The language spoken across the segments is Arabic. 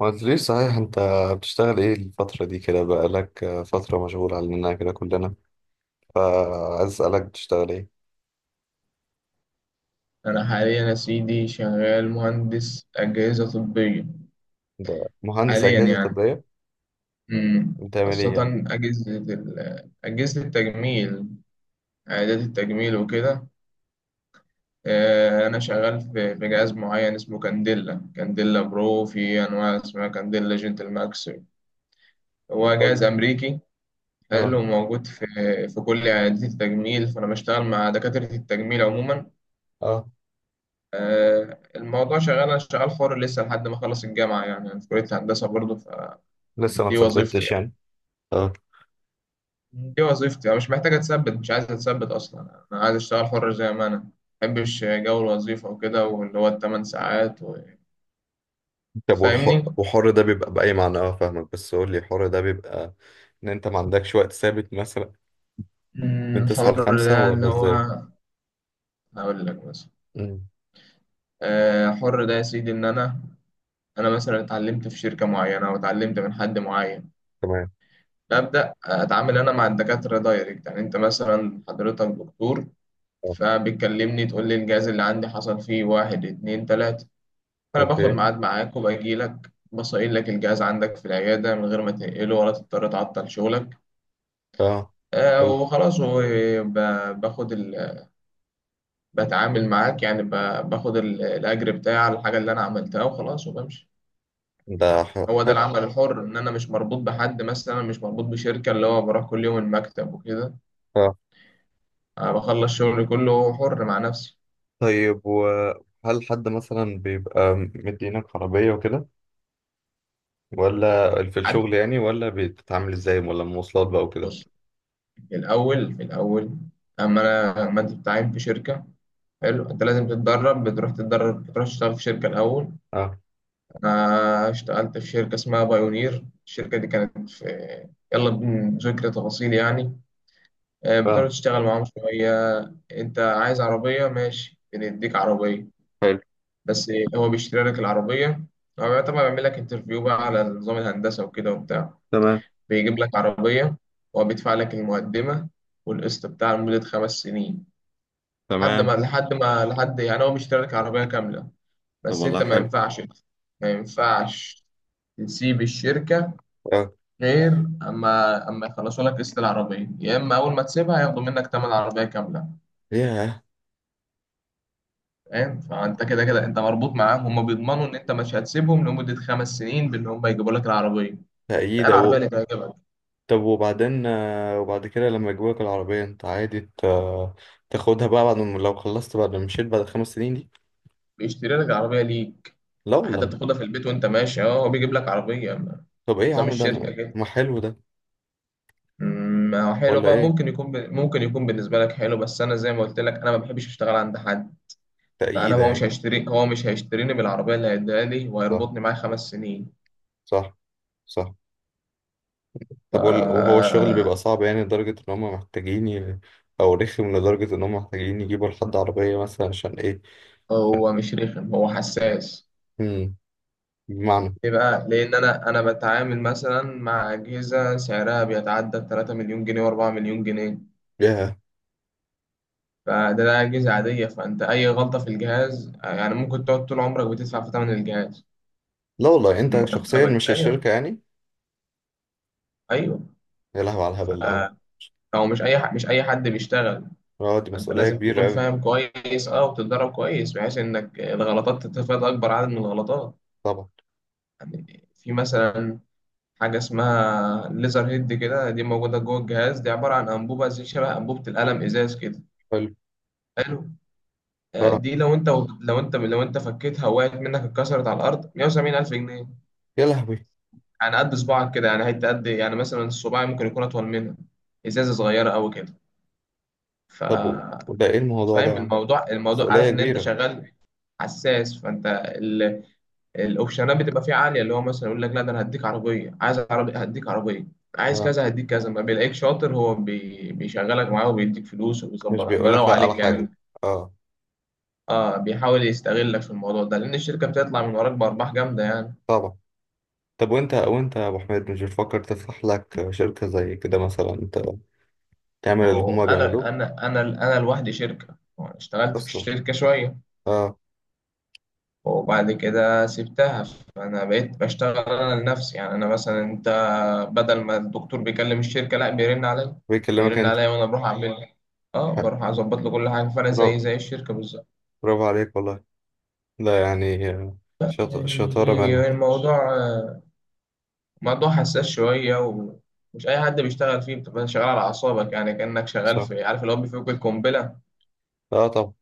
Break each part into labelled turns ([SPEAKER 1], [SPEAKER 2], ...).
[SPEAKER 1] ما قلتليش صحيح انت بتشتغل ايه الفترة دي كده؟ بقالك فترة مشغول عننا كده كلنا، فعايز اسألك بتشتغل ايه؟
[SPEAKER 2] أنا حاليا يا سيدي شغال مهندس أجهزة طبية
[SPEAKER 1] ده مهندس
[SPEAKER 2] حاليا
[SPEAKER 1] أجهزة
[SPEAKER 2] يعني
[SPEAKER 1] طبية،
[SPEAKER 2] مم.
[SPEAKER 1] بتعمل ايه
[SPEAKER 2] خاصة
[SPEAKER 1] يعني؟
[SPEAKER 2] أجهزة التجميل عيادات التجميل وكده أنا شغال في جهاز معين اسمه كانديلا برو في أنواع اسمها كانديلا جنتل ماكس. هو
[SPEAKER 1] حلو.
[SPEAKER 2] جهاز أمريكي
[SPEAKER 1] اه.
[SPEAKER 2] حلو، موجود في كل عيادات التجميل، فأنا بشتغل مع دكاترة التجميل عموما.
[SPEAKER 1] اه.
[SPEAKER 2] الموضوع شغال، أنا شغال حر لسه لحد ما أخلص الجامعة يعني، أنا في كلية هندسة برضه.
[SPEAKER 1] لسه ما
[SPEAKER 2] دي وظيفتي
[SPEAKER 1] ثبتتش
[SPEAKER 2] يعني،
[SPEAKER 1] يعني؟ اه.
[SPEAKER 2] دي وظيفتي. انا مش محتاج اتثبت، مش عايز اتثبت اصلا، انا عايز اشتغل حر زي ما انا. ما بحبش جو الوظيفه وكده، واللي هو ال8 ساعات
[SPEAKER 1] طب
[SPEAKER 2] فاهمني.
[SPEAKER 1] وحر ده بيبقى بأي معنى؟ اه، فاهمك بس قول لي حر ده بيبقى ان انت ما عندكش وقت ثابت مثلا، من تسعة
[SPEAKER 2] حر
[SPEAKER 1] لخمسة
[SPEAKER 2] ده اللي
[SPEAKER 1] ولا
[SPEAKER 2] هو،
[SPEAKER 1] ازاي؟
[SPEAKER 2] هقول لك مثلا،
[SPEAKER 1] امم.
[SPEAKER 2] حر ده يا سيدي ان انا، انا مثلا اتعلمت في شركه معينه او اتعلمت من حد معين،
[SPEAKER 1] تمام.
[SPEAKER 2] ببدا اتعامل انا مع الدكاتره دايركت. يعني انت مثلا حضرتك دكتور،
[SPEAKER 1] اه.
[SPEAKER 2] فبتكلمني تقول لي الجهاز اللي عندي حصل فيه واحد اتنين تلاته، فأنا باخد
[SPEAKER 1] اوكي.
[SPEAKER 2] ميعاد معاك وباجي لك بصين لك الجهاز عندك في العيادة من غير ما تنقله ولا تضطر تعطل شغلك.
[SPEAKER 1] اه. حلو.
[SPEAKER 2] وخلاص، وباخد بتعامل معاك يعني، باخد الأجر بتاعي على الحاجة اللي أنا عملتها وخلاص وبمشي.
[SPEAKER 1] ده
[SPEAKER 2] هو ده
[SPEAKER 1] حلو.
[SPEAKER 2] العمل اه، الحر إن أنا مش مربوط بحد، مثلا مش مربوط بشركة اللي هو بروح كل يوم المكتب وكده.
[SPEAKER 1] آه.
[SPEAKER 2] أنا بخلص شغلي كله حر مع نفسي.
[SPEAKER 1] طيب، وهل حد مثلا بيبقى مدينك عربية وكده؟ ولا في
[SPEAKER 2] حد،
[SPEAKER 1] الشغل يعني؟ ولا بتتعامل ازاي؟ ولا مواصلات بقى وكده؟
[SPEAKER 2] بص، في الأول أما أنا، ما أنت بتتعين في شركة، حلو، انت لازم تتدرب، بتروح تتدرب، بتروح تشتغل في شركه الاول.
[SPEAKER 1] اه.
[SPEAKER 2] انا اشتغلت في شركه اسمها بايونير. الشركه دي كانت في، يلا، بذكر تفاصيل يعني. بتقعد
[SPEAKER 1] اه.
[SPEAKER 2] تشتغل معاهم شويه، انت عايز عربيه ماشي، بنديك عربيه.
[SPEAKER 1] حلو.
[SPEAKER 2] بس هو بيشتري لك العربيه. هو طبعا بيعمل لك انترفيو بقى على نظام الهندسه وكده وبتاع،
[SPEAKER 1] تمام.
[SPEAKER 2] بيجيب لك عربيه. هو بيدفع لك المقدمه والقسط بتاع لمده 5 سنين، لحد
[SPEAKER 1] تمام.
[SPEAKER 2] ما لحد ما لحد يعني، هو بيشتري لك عربيه كامله.
[SPEAKER 1] طب
[SPEAKER 2] بس انت
[SPEAKER 1] والله
[SPEAKER 2] ما
[SPEAKER 1] حلو.
[SPEAKER 2] ينفعش ما ينفعش تسيب الشركة،
[SPEAKER 1] اه.
[SPEAKER 2] غير اما يخلصوا لك قسط العربية، يا اما اول ما تسيبها ياخدوا منك تمن العربية كاملة.
[SPEAKER 1] ياه.
[SPEAKER 2] فاهم؟ فانت كده كده انت مربوط معاهم. هم بيضمنوا ان انت مش هتسيبهم لمدة 5 سنين بان هم يجيبوا لك العربية. ده
[SPEAKER 1] تأييدة
[SPEAKER 2] العربية
[SPEAKER 1] و...
[SPEAKER 2] اللي تعجبك
[SPEAKER 1] طب وبعدين، وبعد كده لما يجيبولك العربية انت عادي تاخدها بقى، بعد ما لو خلصت، بعد ما مشيت بعد 5 سنين دي؟
[SPEAKER 2] بيشتري لك العربية ليك،
[SPEAKER 1] لا
[SPEAKER 2] حتى
[SPEAKER 1] والله.
[SPEAKER 2] بتاخدها في البيت وانت ماشي. اه، هو بيجيب لك عربية.
[SPEAKER 1] طب ايه يا
[SPEAKER 2] نظام
[SPEAKER 1] عم؟ ده
[SPEAKER 2] الشركة كده.
[SPEAKER 1] ما حلو ده؟
[SPEAKER 2] ما هو حلو
[SPEAKER 1] ولا
[SPEAKER 2] بقى.
[SPEAKER 1] ايه؟
[SPEAKER 2] ممكن يكون بالنسبة لك حلو، بس أنا زي ما قلت لك أنا ما بحبش أشتغل عند حد. فانا،
[SPEAKER 1] تأييدة يعني.
[SPEAKER 2] هو مش هيشتريني بالعربيه اللي هيديها لي
[SPEAKER 1] صح.
[SPEAKER 2] وهيربطني معاه 5 سنين.
[SPEAKER 1] صح. صح.
[SPEAKER 2] ف
[SPEAKER 1] طب وهو الشغل بيبقى صعب يعني لدرجة إن هما محتاجين أو رخم لدرجة إن هما محتاجين يجيبوا لحد عربية مثلا، عشان إيه؟ عشان.
[SPEAKER 2] هو مش رخم، هو حساس.
[SPEAKER 1] مم. بمعنى.
[SPEAKER 2] ليه بقى؟ لان انا بتعامل مثلا مع اجهزه سعرها بيتعدى 3 مليون جنيه و4 مليون جنيه.
[SPEAKER 1] ياه.
[SPEAKER 2] فده، ده اجهزه عاديه. فانت اي غلطه في الجهاز يعني ممكن تقعد طول عمرك بتدفع في ثمن الجهاز
[SPEAKER 1] لا والله،
[SPEAKER 2] من
[SPEAKER 1] أنت شخصيا
[SPEAKER 2] مرتبك.
[SPEAKER 1] مش
[SPEAKER 2] ايوه،
[SPEAKER 1] الشركة يعني.
[SPEAKER 2] ايوه.
[SPEAKER 1] يا لهوي على
[SPEAKER 2] ف-
[SPEAKER 1] الهبل ده أوي.
[SPEAKER 2] هو مش اي مش اي حد بيشتغل.
[SPEAKER 1] أه، دي
[SPEAKER 2] فانت
[SPEAKER 1] مسؤولية
[SPEAKER 2] لازم
[SPEAKER 1] كبيرة
[SPEAKER 2] تكون
[SPEAKER 1] أوي.
[SPEAKER 2] فاهم كويس اه، وتتدرب كويس بحيث انك الغلطات تتفادى اكبر عدد من الغلطات.
[SPEAKER 1] طبعا.
[SPEAKER 2] يعني في مثلا حاجه اسمها ليزر هيد كده، دي موجوده جوه الجهاز، دي عباره عن انبوبه زي شبه انبوبه القلم ازاز كده.
[SPEAKER 1] حلو.
[SPEAKER 2] حلو.
[SPEAKER 1] أه.
[SPEAKER 2] دي لو انت فكيتها وقعت منك اتكسرت على الارض، 170 الف جنيه.
[SPEAKER 1] يا لهوي.
[SPEAKER 2] يعني قد صباعك كده يعني، حته قد يعني، مثلا الصباع ممكن يكون اطول منها، ازازه صغيره قوي كده. ف
[SPEAKER 1] طب وده إيه الموضوع ده
[SPEAKER 2] فاهم
[SPEAKER 1] يا عم؟
[SPEAKER 2] الموضوع؟
[SPEAKER 1] مسؤولية
[SPEAKER 2] عارف ان انت
[SPEAKER 1] كبيرة.
[SPEAKER 2] شغال حساس. فانت الاوبشنات بتبقى فيه عاليه، اللي هو مثلا يقول لك لا، ده انا هديك عربيه، عايز عربيه هديك عربيه، عايز
[SPEAKER 1] أه.
[SPEAKER 2] كذا هديك كذا. ما بيلاقيك شاطر هو بيشغلك معاه وبيديك فلوس
[SPEAKER 1] مش
[SPEAKER 2] وبيظبط،
[SPEAKER 1] بيقولك
[SPEAKER 2] بيروق
[SPEAKER 1] لأ على
[SPEAKER 2] عليك يعني.
[SPEAKER 1] حاجة. أه.
[SPEAKER 2] اه بيحاول يستغلك في الموضوع ده لان الشركه بتطلع من وراك بارباح جامده يعني.
[SPEAKER 1] طبعا. طب وأنت يا أبو حميد، مش بتفكر تفتح لك شركة زي كده مثلا، أنت تعمل
[SPEAKER 2] ما
[SPEAKER 1] اللي
[SPEAKER 2] هو
[SPEAKER 1] هما بيعملوه؟
[SPEAKER 2] انا لوحدي شركه. وأنا اشتغلت في
[SPEAKER 1] أصلا.
[SPEAKER 2] الشركه شويه
[SPEAKER 1] آه.
[SPEAKER 2] وبعد كده سبتها، فانا بقيت بشتغل انا لنفسي. يعني انا مثلا، انت بدل ما الدكتور بيكلم الشركة، لا، بيرن عليا.
[SPEAKER 1] بيكلمك
[SPEAKER 2] بيرن
[SPEAKER 1] انت.
[SPEAKER 2] عليا وانا بروح اعمل، اه
[SPEAKER 1] ح-
[SPEAKER 2] بروح اظبط له كل حاجة، فانا زي
[SPEAKER 1] برافو.
[SPEAKER 2] زي الشركة بالظبط.
[SPEAKER 1] برافو عليك والله. لا يعني،
[SPEAKER 2] بس
[SPEAKER 1] شطارة
[SPEAKER 2] يعني
[SPEAKER 1] منك.
[SPEAKER 2] الموضوع موضوع حساس شوية، ومش أي حد بيشتغل فيه. بتبقى شغال على أعصابك يعني، كأنك شغال
[SPEAKER 1] صح.
[SPEAKER 2] في، عارف، اللي هو بيفك القنبلة.
[SPEAKER 1] اه. طبعا.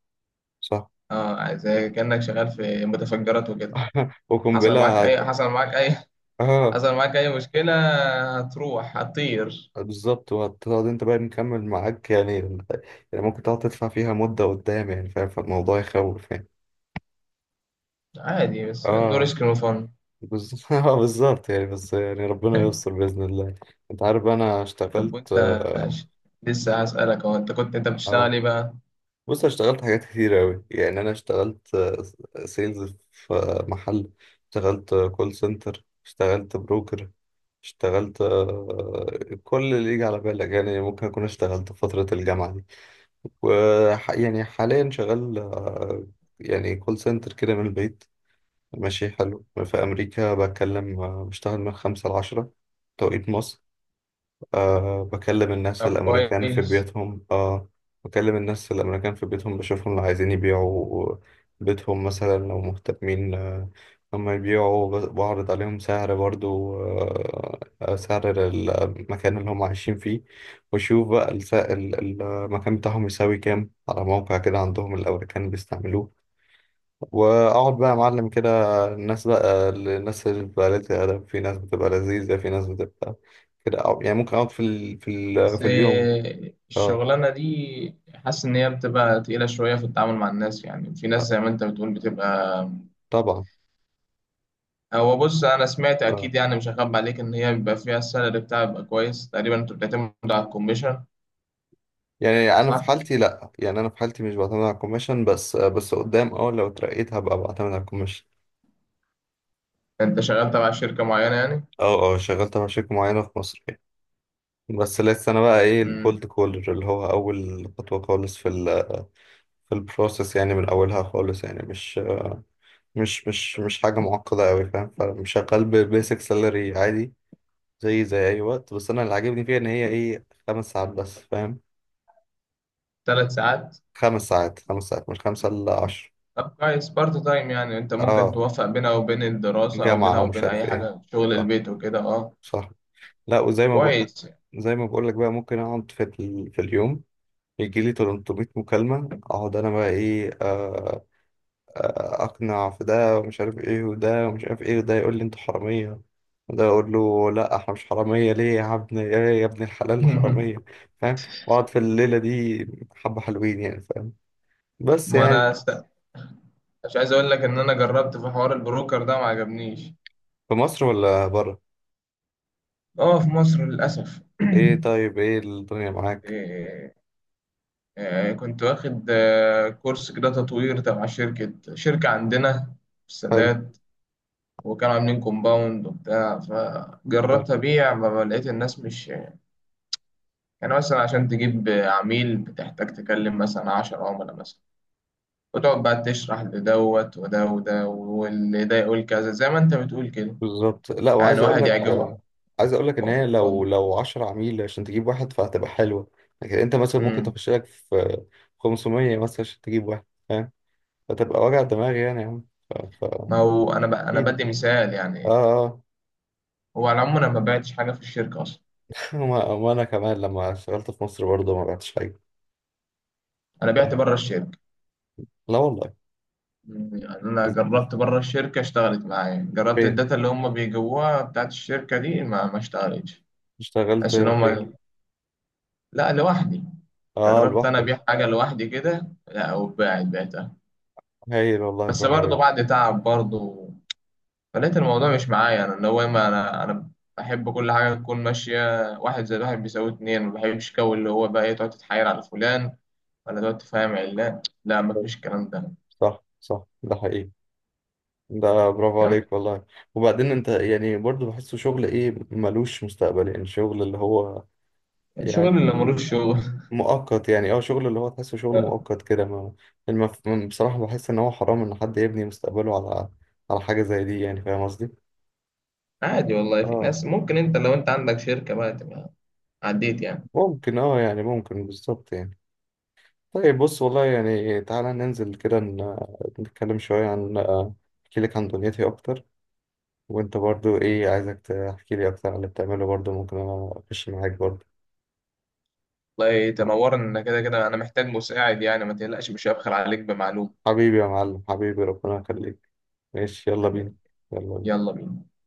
[SPEAKER 1] صح.
[SPEAKER 2] اه زي كأنك شغال في متفجرات وكده. حصل معاك
[SPEAKER 1] وقنبلة
[SPEAKER 2] أي حصل معاك أي
[SPEAKER 1] اه،
[SPEAKER 2] حصل معاك أي مشكلة، هتروح، هتطير.
[SPEAKER 1] بالظبط. وهتقعد انت بقى نكمل معاك يعني، يعني ممكن تقعد تدفع فيها مدة قدام يعني، فاهم؟ فالموضوع يخوف يعني.
[SPEAKER 2] عادي، بس إنه
[SPEAKER 1] اه
[SPEAKER 2] ريسك نو فن.
[SPEAKER 1] بالظبط. اه بالظبط يعني. بس يعني ربنا يستر بإذن الله. انت عارف انا
[SPEAKER 2] طب
[SPEAKER 1] اشتغلت،
[SPEAKER 2] وانت لسه هسألك، هو انت كنت انت بتشتغل
[SPEAKER 1] آه،
[SPEAKER 2] ايه بقى؟
[SPEAKER 1] بص، أنا اشتغلت حاجات كتير أوي يعني. أنا اشتغلت سيلز في محل. اشتغلت كول سنتر. اشتغلت بروكر. اشتغلت كل اللي يجي على بالك يعني، ممكن أكون اشتغلت في فترة الجامعة دي. يعني حاليا شغال، يعني كول سنتر كده من البيت. ماشي حلو، في أمريكا بتكلم، بشتغل من خمسة لعشرة توقيت مصر. أه، بكلم الناس
[SPEAKER 2] طب
[SPEAKER 1] الأمريكان في
[SPEAKER 2] كويس.
[SPEAKER 1] بيوتهم. أه، بكلم الناس الأمريكان في بيوتهم، بشوفهم لو عايزين يبيعوا بيتهم مثلا، لو مهتمين هم يبيعوا، بعرض عليهم سعر برضو، أه سعر المكان اللي هم عايشين فيه، وشوف بقى المكان بتاعهم يساوي كام، على موقع كده عندهم الأمريكان بيستعملوه. واقعد بقى يا معلم كده، الناس اللي بتبقى قليلة الادب، في ناس بتبقى لذيذه، في ناس بتبقى كده. يعني ممكن اقعد
[SPEAKER 2] بس
[SPEAKER 1] في اليوم. اه.
[SPEAKER 2] الشغلانة دي حاسس ان هي بتبقى تقيلة شوية في التعامل مع الناس. يعني في ناس
[SPEAKER 1] آه،
[SPEAKER 2] زي ما انت بتقول بتبقى،
[SPEAKER 1] طبعا.
[SPEAKER 2] هو بص، انا سمعت
[SPEAKER 1] اه،
[SPEAKER 2] اكيد يعني، مش هخبي عليك، ان هي بيبقى فيها السالري بتاعها بيبقى كويس تقريبا. انت بتعتمد على الكوميشن،
[SPEAKER 1] يعني انا في
[SPEAKER 2] صح؟
[SPEAKER 1] حالتي لا، يعني انا في حالتي مش بعتمد على الكوميشن، بس قدام، اه لو اترقيت هبقى بعتمد على الكوميشن.
[SPEAKER 2] انت شغال تبع شركة معينة يعني.
[SPEAKER 1] اه. اه. شغلت مع شركه معينه في مصر يعني. بس لسه انا بقى ايه الكولد
[SPEAKER 2] امم
[SPEAKER 1] كولر، اللي هو اول خطوه خالص في البروسيس يعني، من اولها خالص يعني، مش حاجة معقدة أوي فاهم. فشغال ببيسك سالري عادي، زي أي وقت، بس أنا اللي عاجبني فيها إن هي إيه، 5 ساعات بس فاهم.
[SPEAKER 2] 3 ساعات.
[SPEAKER 1] خمس ساعات. خمس ساعات مش خمسة إلا عشر.
[SPEAKER 2] طب كويس، بارت تايم يعني، انت ممكن
[SPEAKER 1] أه،
[SPEAKER 2] توفق بينها وبين الدراسة او
[SPEAKER 1] جامعة
[SPEAKER 2] بينها
[SPEAKER 1] ومش
[SPEAKER 2] وبين
[SPEAKER 1] عارف
[SPEAKER 2] اي
[SPEAKER 1] إيه.
[SPEAKER 2] حاجة شغل
[SPEAKER 1] صح.
[SPEAKER 2] البيت وكده اه.
[SPEAKER 1] صح. لا، وزي ما بقول،
[SPEAKER 2] كويس.
[SPEAKER 1] زي ما بقول لك بقى، ممكن أقعد في اليوم يجي لي 300 مكالمة، أقعد أنا بقى إيه، اقنع في ده ومش عارف ايه، وده ومش عارف ايه، وده يقول لي انت حراميه، وده يقول له لا احنا مش حراميه ليه يا ابني، ايه يا ابن الحلال حراميه. فاهم؟ واقعد في الليله دي حبه حلوين يعني فاهم. بس
[SPEAKER 2] ما انا
[SPEAKER 1] يعني،
[SPEAKER 2] است... مش عايز اقول لك ان انا جربت في حوار البروكر ده ما عجبنيش.
[SPEAKER 1] في مصر ولا بره؟
[SPEAKER 2] اه في مصر للاسف.
[SPEAKER 1] ايه. طيب، ايه الدنيا معاك؟
[SPEAKER 2] إيه، إيه، كنت واخد كورس كده تطوير تبع شركة عندنا في
[SPEAKER 1] حلو.
[SPEAKER 2] السادات، وكانوا عاملين كومباوند وبتاع،
[SPEAKER 1] حلو.
[SPEAKER 2] فجربت أبيع، ما لقيت الناس مش يعني. مثلا عشان تجيب عميل بتحتاج تكلم مثلا 10 عملاء مثلا، وتقعد بقى تشرح لدوت وده وده، واللي ده يقول كذا زي ما أنت بتقول كده،
[SPEAKER 1] بالظبط. لا،
[SPEAKER 2] يعني
[SPEAKER 1] وعايز اقول
[SPEAKER 2] واحد اه
[SPEAKER 1] لك
[SPEAKER 2] يعجبه.
[SPEAKER 1] عايز اقول لك ان هي لو
[SPEAKER 2] اتفضل.
[SPEAKER 1] لو 10 عميل عشان تجيب واحد فهتبقى حلوه. لكن انت مثلا ممكن
[SPEAKER 2] امم
[SPEAKER 1] تخش لك في 500 مثلا عشان تجيب واحد، فتبقى وجع دماغ يعني يا عم. ف... ف...
[SPEAKER 2] ما هو انا انا
[SPEAKER 1] احكيلي.
[SPEAKER 2] بدي مثال يعني.
[SPEAKER 1] اه. اه.
[SPEAKER 2] هو على العموم انا ما بعتش حاجه في الشركه اصلا،
[SPEAKER 1] وانا كمان لما اشتغلت في مصر برضه ما بعتش حاجة.
[SPEAKER 2] انا بعت
[SPEAKER 1] فاهم؟
[SPEAKER 2] بره الشركه.
[SPEAKER 1] لا والله.
[SPEAKER 2] مم، يعني انا جربت بره الشركه، اشتغلت معايا، جربت
[SPEAKER 1] فين
[SPEAKER 2] الداتا اللي هم بيجيبوها بتاعت الشركه دي، ما اشتغلتش.
[SPEAKER 1] اشتغلت؟
[SPEAKER 2] بس ان هم،
[SPEAKER 1] فين.
[SPEAKER 2] لا لوحدي،
[SPEAKER 1] اه،
[SPEAKER 2] جربت انا
[SPEAKER 1] لوحدك.
[SPEAKER 2] ابيع حاجه لوحدي كده، لا وباعت، بعتها،
[SPEAKER 1] هايل والله،
[SPEAKER 2] بس
[SPEAKER 1] برافو
[SPEAKER 2] برضه
[SPEAKER 1] عليك.
[SPEAKER 2] بعد تعب برضه. فلقيت الموضوع مش معايا، انا اللي هو، ما انا بحب كل حاجه تكون ماشيه، واحد زائد واحد بيساوي اتنين. ما بحبش جو اللي هو بقى ايه، تقعد تتحايل على فلان ولا تقعد تفهم علان، لا، ما فيش الكلام ده.
[SPEAKER 1] صح. صح، ده حقيقي. ده برافو
[SPEAKER 2] كمل.
[SPEAKER 1] عليك والله. وبعدين انت يعني برضو بحسه شغل ايه، ملوش مستقبل يعني. شغل اللي هو يعني
[SPEAKER 2] الشغل اللي ملوش شغل.
[SPEAKER 1] مؤقت يعني، اه شغل اللي هو تحسه شغل مؤقت كده ما. بصراحة بحس ان هو حرام ان حد يبني مستقبله على حاجة زي دي يعني، فاهم قصدي؟
[SPEAKER 2] عادي والله، في
[SPEAKER 1] اه.
[SPEAKER 2] ناس. ممكن انت لو انت عندك شركه بقى تبقى عديت يعني.
[SPEAKER 1] ممكن. اه يعني ممكن بالظبط يعني. طيب بص والله يعني، تعالى ننزل كده نتكلم شوية عن، احكي لك عن دنيتي اكتر، وانت برضو ايه، عايزك تحكي لي اكتر عن اللي بتعمله برضو، ممكن انا اخش معاك برضو.
[SPEAKER 2] والله تنورنا، كده كده انا محتاج مساعد يعني، ما تقلقش مش هبخل عليك بمعلومه.
[SPEAKER 1] حبيبي يا معلم، حبيبي ربنا يخليك. ماشي يلا
[SPEAKER 2] تمام.
[SPEAKER 1] بينا. يلا بينا.
[SPEAKER 2] يلا بينا.